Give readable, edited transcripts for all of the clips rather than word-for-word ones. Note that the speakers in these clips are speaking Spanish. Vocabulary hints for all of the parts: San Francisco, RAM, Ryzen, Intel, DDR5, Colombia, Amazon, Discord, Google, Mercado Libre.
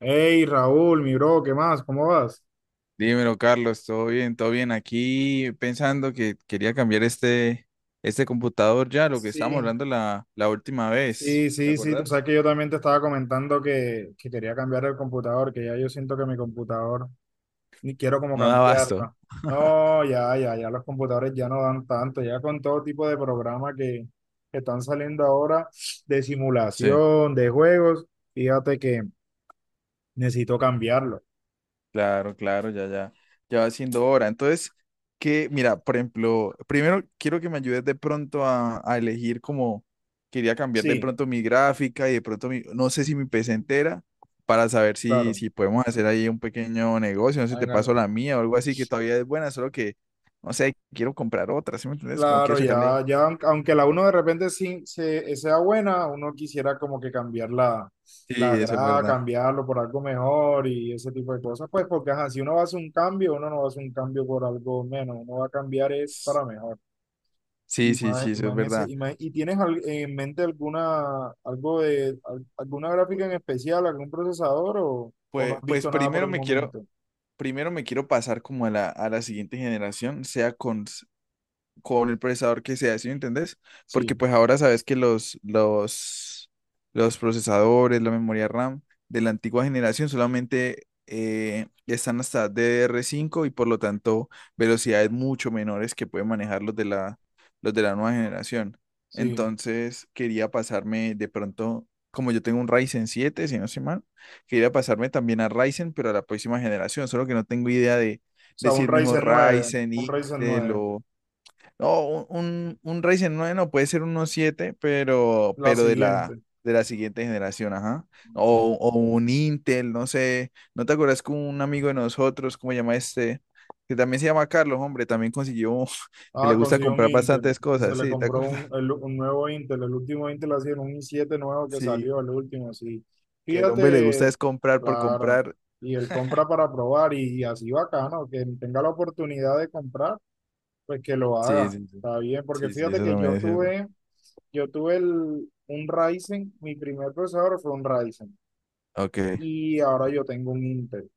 Hey Raúl, mi bro, ¿qué más? ¿Cómo vas? Dímelo, Carlos, ¿todo bien? ¿Todo bien? Aquí pensando que quería cambiar este computador ya, lo que Sí. estábamos hablando la última vez. Sí, ¿Te sí, sí, tú acuerdas? sabes que yo también te estaba comentando que quería cambiar el computador, que ya yo siento que mi computador ni quiero como No da abasto. cambiarlo. No, ya, ya, ya los computadores ya no dan tanto, ya con todo tipo de programas que están saliendo ahora de Sí. simulación, de juegos, fíjate que necesito cambiarlo. Claro, claro, ya, ya, ya va siendo hora. Entonces, que, mira, por ejemplo, primero quiero que me ayudes de pronto a elegir como quería cambiar de Sí, pronto mi gráfica y de pronto mi, no sé si mi PC entera, para saber si, claro. si podemos hacer ahí un pequeño negocio, no sé, te en al- paso la mía o algo así que todavía es buena, solo que, no sé, quiero comprar otra, ¿sí me entiendes? Como quiero Claro, sacarle. ya, ya, aunque la uno de repente sí, sea buena, uno quisiera como que cambiar la, Sí, la eso es grada, verdad. cambiarlo por algo mejor y ese tipo de cosas, pues porque ajá, si uno va a hacer un cambio, uno no va a hacer un cambio por algo menos, uno va a cambiar es para mejor. Sí, Y sí, más, sí, y eso es más en ese, verdad. y más- ¿y tienes en mente alguna, alguna gráfica en especial, algún procesador o no Pues, has pues visto nada por primero el me quiero, momento? primero me quiero pasar como a la siguiente generación, sea con el procesador que sea, ¿sí me entendés? Porque Sí, pues ahora sabes que los procesadores, la memoria RAM de la antigua generación solamente están hasta DDR5 y por lo tanto velocidades mucho menores que pueden manejar los de la nueva generación. sí. Entonces quería pasarme de pronto, como yo tengo un Ryzen 7, si no estoy mal, quería pasarme también a Ryzen, pero a la próxima generación, solo que no tengo idea de, O de sea, si un es mejor Ryzen nueve Ryzen, un Ryzen Intel nueve o no, un Ryzen 9 no puede ser uno 7 pero, la pero de la, siguiente. de la siguiente generación, ajá. O un Intel, no sé. ¿No te acuerdas que un amigo de nosotros, cómo se llama este? Que también se llama Carlos, hombre, también consiguió que le Ah, gusta consiguió un comprar Intel. bastantes Y se cosas, le sí, ¿te compró acuerdas? Un nuevo Intel. El último Intel ha sido un i7 nuevo que Sí, salió, el último, sí. que el hombre le Fíjate, gusta es comprar por claro. comprar. Y él compra para probar y, así bacano, que tenga la oportunidad de comprar, pues que lo Sí, haga. sí, sí. Está bien, porque Sí, sí, fíjate eso que también yo es cierto. tuve, yo tuve el, un Ryzen, mi primer procesador fue un Ryzen. Ok, Y ahora yo tengo un Intel.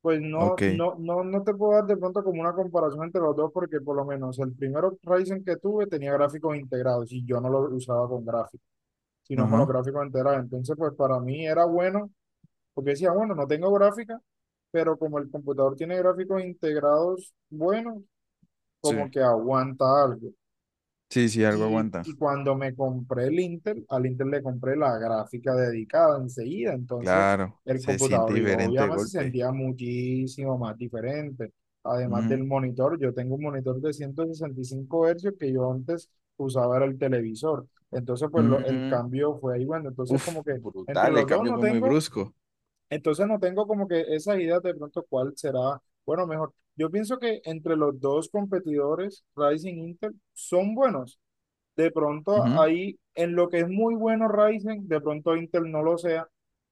Pues no, ok. no, no, no te puedo dar de pronto como una comparación entre los dos, porque por lo menos el primero Ryzen que tuve tenía gráficos integrados y yo no lo usaba con gráficos, sino con los Ajá. gráficos integrados. Entonces, pues para mí era bueno, porque decía, bueno, no tengo gráfica, pero como el computador tiene gráficos integrados buenos, Sí. como que aguanta algo. Sí, sí, algo Y, aguanta. y cuando me compré el Intel, al Intel le compré la gráfica dedicada enseguida, entonces Claro, el se siente computador y diferente de obviamente se golpe. sentía muchísimo más diferente. Además del monitor, yo tengo un monitor de 165 hercios que yo antes usaba era el televisor. Entonces, el Mm, cambio fue ahí, bueno, entonces uf, como que entre brutal, el los dos cambio no fue muy tengo, brusco. entonces no tengo como que esa idea de pronto cuál será, bueno, mejor. Yo pienso que entre los dos competidores, Ryzen e Intel, son buenos de pronto Ujú, ahí, en lo que es muy bueno Ryzen, de pronto Intel no lo sea.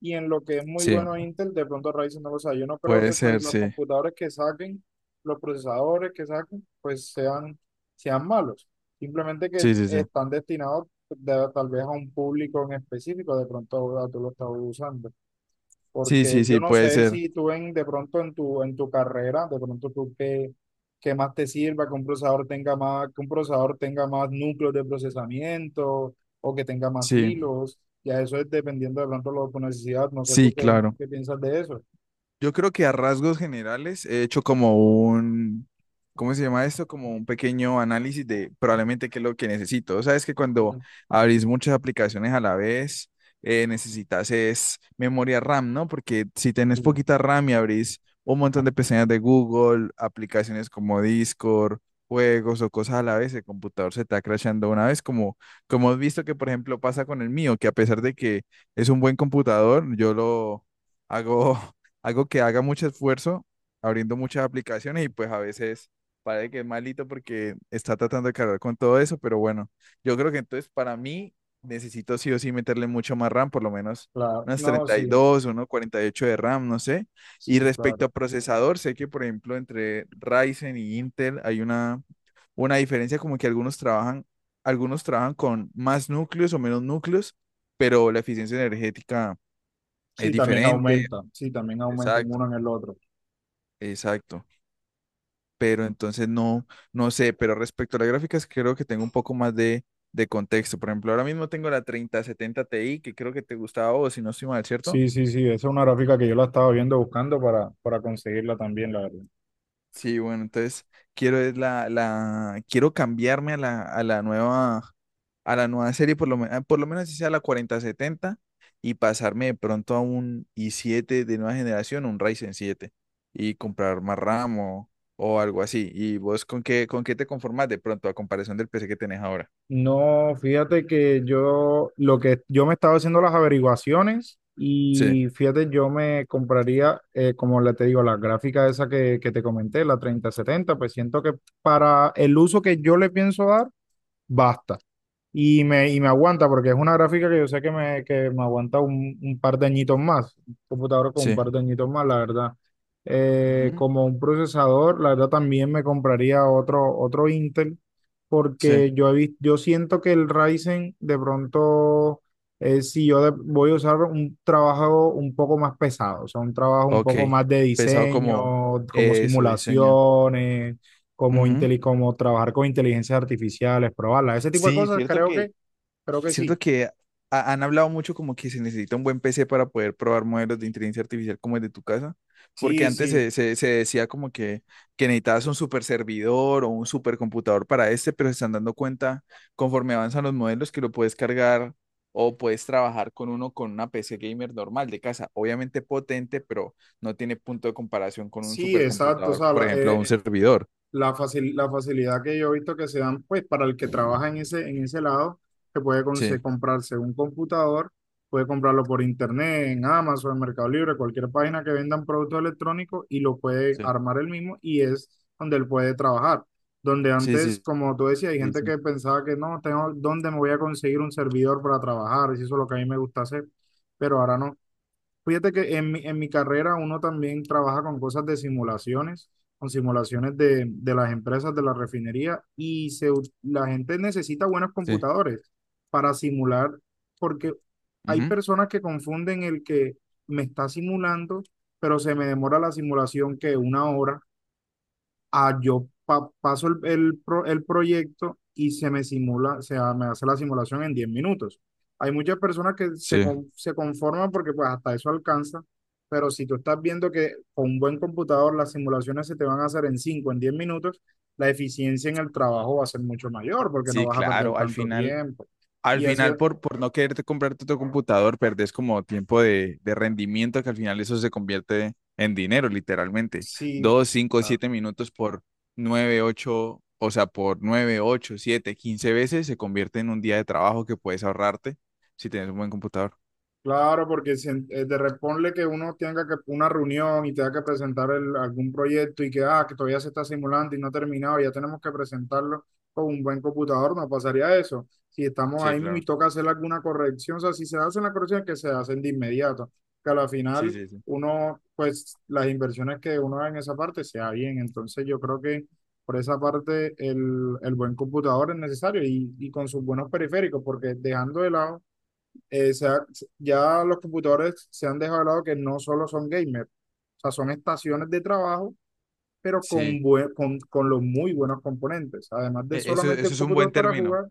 Y en lo que es muy sí, bueno Intel, de pronto Ryzen no lo sea. Yo no creo puede que pues ser, los sí. computadores que saquen, los procesadores que saquen, pues sean, sean malos. Simplemente que Sí, sí, sí. están destinados pues, tal vez a un público en específico, de pronto ahora tú lo estás usando. Sí, Porque sí, yo sí, no puede sé ser. si tú en, de pronto en tu carrera, de pronto tú qué, qué más te sirva, que un procesador tenga más, que un procesador tenga más núcleos de procesamiento o que tenga más Sí, hilos. Ya eso es dependiendo de pronto lo, tu necesidad. No sé tú sí, qué, claro. qué piensas de eso. Yo creo que a rasgos generales he hecho como un, ¿cómo se llama esto? Como un pequeño análisis de probablemente qué es lo que necesito. O sea, es que Sí, cuando abrís muchas aplicaciones a la vez, necesitas es memoria RAM, ¿no? Porque si tenés sí. poquita RAM y abrís un montón de pestañas de Google, aplicaciones como Discord, juegos o cosas a la vez, el computador se está crashando una vez, como, como has visto que, por ejemplo, pasa con el mío, que a pesar de que es un buen computador, yo lo hago algo que haga mucho esfuerzo abriendo muchas aplicaciones y pues a veces parece que es malito porque está tratando de cargar con todo eso, pero bueno, yo creo que entonces para mí necesito sí o sí meterle mucho más RAM, por lo menos Claro, unas no, sí, 32, unos 48 de RAM, no sé. Y sí, respecto claro. a procesador, sé que por ejemplo entre Ryzen y Intel hay una diferencia como que algunos trabajan con más núcleos o menos núcleos, pero la eficiencia energética es diferente. Sí, también aumenta en Exacto, uno en el otro. exacto. Pero entonces no, no sé, pero respecto a las gráficas creo que tengo un poco más de contexto. Por ejemplo, ahora mismo tengo la 3070 Ti, que creo que te gustaba a vos si no estoy mal, ¿cierto? Sí, sí, sí, esa es una gráfica que yo la estaba viendo buscando para conseguirla también, la verdad. Sí, bueno, entonces quiero es quiero cambiarme a la nueva, a la nueva serie, por lo menos si sea la 4070 y pasarme de pronto a un i7 de nueva generación, un Ryzen 7 y comprar más RAM o algo así. ¿Y vos con qué te conformas de pronto a comparación del PC que tenés ahora? No, fíjate que yo lo que yo me estaba haciendo las averiguaciones Sí. y fíjate, yo me compraría, como le te digo, la gráfica esa que te comenté, la 3070 pues siento que para el uso que yo le pienso dar, basta. Y me aguanta porque es una gráfica que yo sé que me, aguanta un par de añitos más, un computador con un Sí, par de añitos más, la verdad. Ujú, Como un procesador, la verdad también me compraría otro, otro Intel sí, porque yo, yo siento que el Ryzen de pronto, si yo voy a usar un trabajo un poco más pesado, o sea, un trabajo un ok. poco más de Pesado como diseño, como eso, diseño. simulaciones como, Ujú. Como trabajar con inteligencias artificiales, probarlas, ese tipo de Sí, cosas, cierto. creo que, Cierto sí. que han hablado mucho como que se necesita un buen PC para poder probar modelos de inteligencia artificial como el de tu casa, porque Sí, antes sí, se, se decía como que necesitabas un super servidor o un super computador para este, pero se están dando cuenta conforme avanzan los modelos que lo puedes cargar o puedes trabajar con uno con una PC gamer normal de casa, obviamente potente, pero no tiene punto de comparación con un sí, exacto. O supercomputador, sea, por ejemplo, un servidor. La facilidad que yo he visto que se dan, pues para el que trabaja en ese lado, que puede Sí, comprarse un computador, puede comprarlo por internet, en Amazon, en Mercado Libre, cualquier página que vendan productos electrónicos y lo puede sí, armar él mismo y es donde él puede trabajar. Donde sí, antes, sí, como tú decías, hay sí, gente sí. que pensaba que no, tengo, ¿dónde me voy a conseguir un servidor para trabajar? Y eso es lo que a mí me gusta hacer, pero ahora no. Fíjate que en en mi carrera uno también trabaja con cosas de simulaciones, con simulaciones de las empresas de la refinería y la gente necesita buenos Sí. computadores para simular, porque hay Ujú, personas que confunden el que me está simulando, pero se me demora la simulación que una hora. Yo paso el proyecto y se me simula, o sea, me hace la simulación en 10 minutos. Hay muchas personas que se, sí. con- se conforman porque pues hasta eso alcanza, pero si tú estás viendo que con un buen computador las simulaciones se te van a hacer en 5 en 10 minutos, la eficiencia en el trabajo va a ser mucho mayor porque no Sí, vas a perder claro, al tanto final, tiempo. al Y así, final por, por no quererte comprarte tu computador, perdés como tiempo de rendimiento que al final eso se convierte en dinero, literalmente. si Dos, cinco, siete minutos por nueve, ocho, o sea, por nueve, ocho, siete, quince veces se convierte en un día de trabajo que puedes ahorrarte si tienes un buen computador. claro, porque si de responde que uno tenga que una reunión y tenga que presentar algún proyecto y que, ah, que todavía se está simulando y no ha terminado, ya tenemos que presentarlo con un buen computador, no pasaría eso. Si estamos Sí, ahí mismo claro. y toca hacer alguna corrección, o sea, si se hacen las correcciones, que se hacen de inmediato, que a la Sí, final sí, sí. uno, pues las inversiones que uno haga en esa parte sea bien. Entonces yo creo que por esa parte el buen computador es necesario y con sus buenos periféricos, porque dejando de lado se ha ya los computadores se han dejado de lado que no solo son gamers, o sea, son estaciones de trabajo, pero con, Sí, bue- con, con los muy buenos componentes. Además de solamente eso el es un buen computador para término. jugar,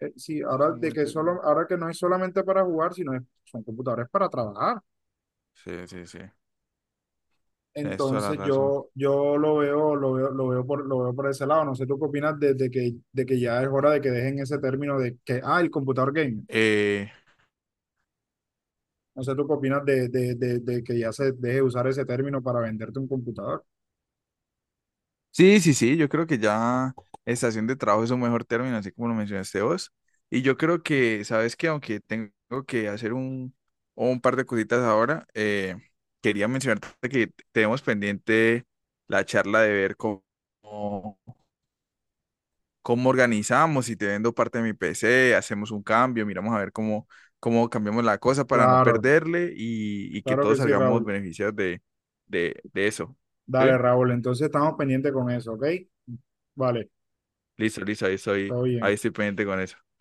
sí, Eso es un buen término. Ahora que no es solamente para jugar, son computadores para trabajar. Sí, sí, sí. Tienes toda la Entonces razón. yo lo veo, lo veo, lo veo por ese lado. No sé tú qué opinas de que ya es hora de que dejen ese término de que, ah, el computador gamer. No sé, ¿tú qué opinas de que ya se deje de usar ese término para venderte un computador? Sí, sí, sí, yo creo que ya estación de trabajo es un mejor término, así como lo mencionaste vos. Y yo creo que, sabes que aunque tengo que hacer un par de cositas ahora, quería mencionarte que tenemos pendiente la charla de ver cómo, cómo organizamos, si te vendo parte de mi PC, hacemos un cambio, miramos a ver cómo, cómo cambiamos la cosa para no Claro, perderle y que claro que todos sí, salgamos Raúl. beneficiados de, de eso. Dale, ¿Sí? Raúl. Entonces estamos pendientes con eso, ¿ok? Vale, Listo, listo, todo ahí bien. estoy pendiente con eso.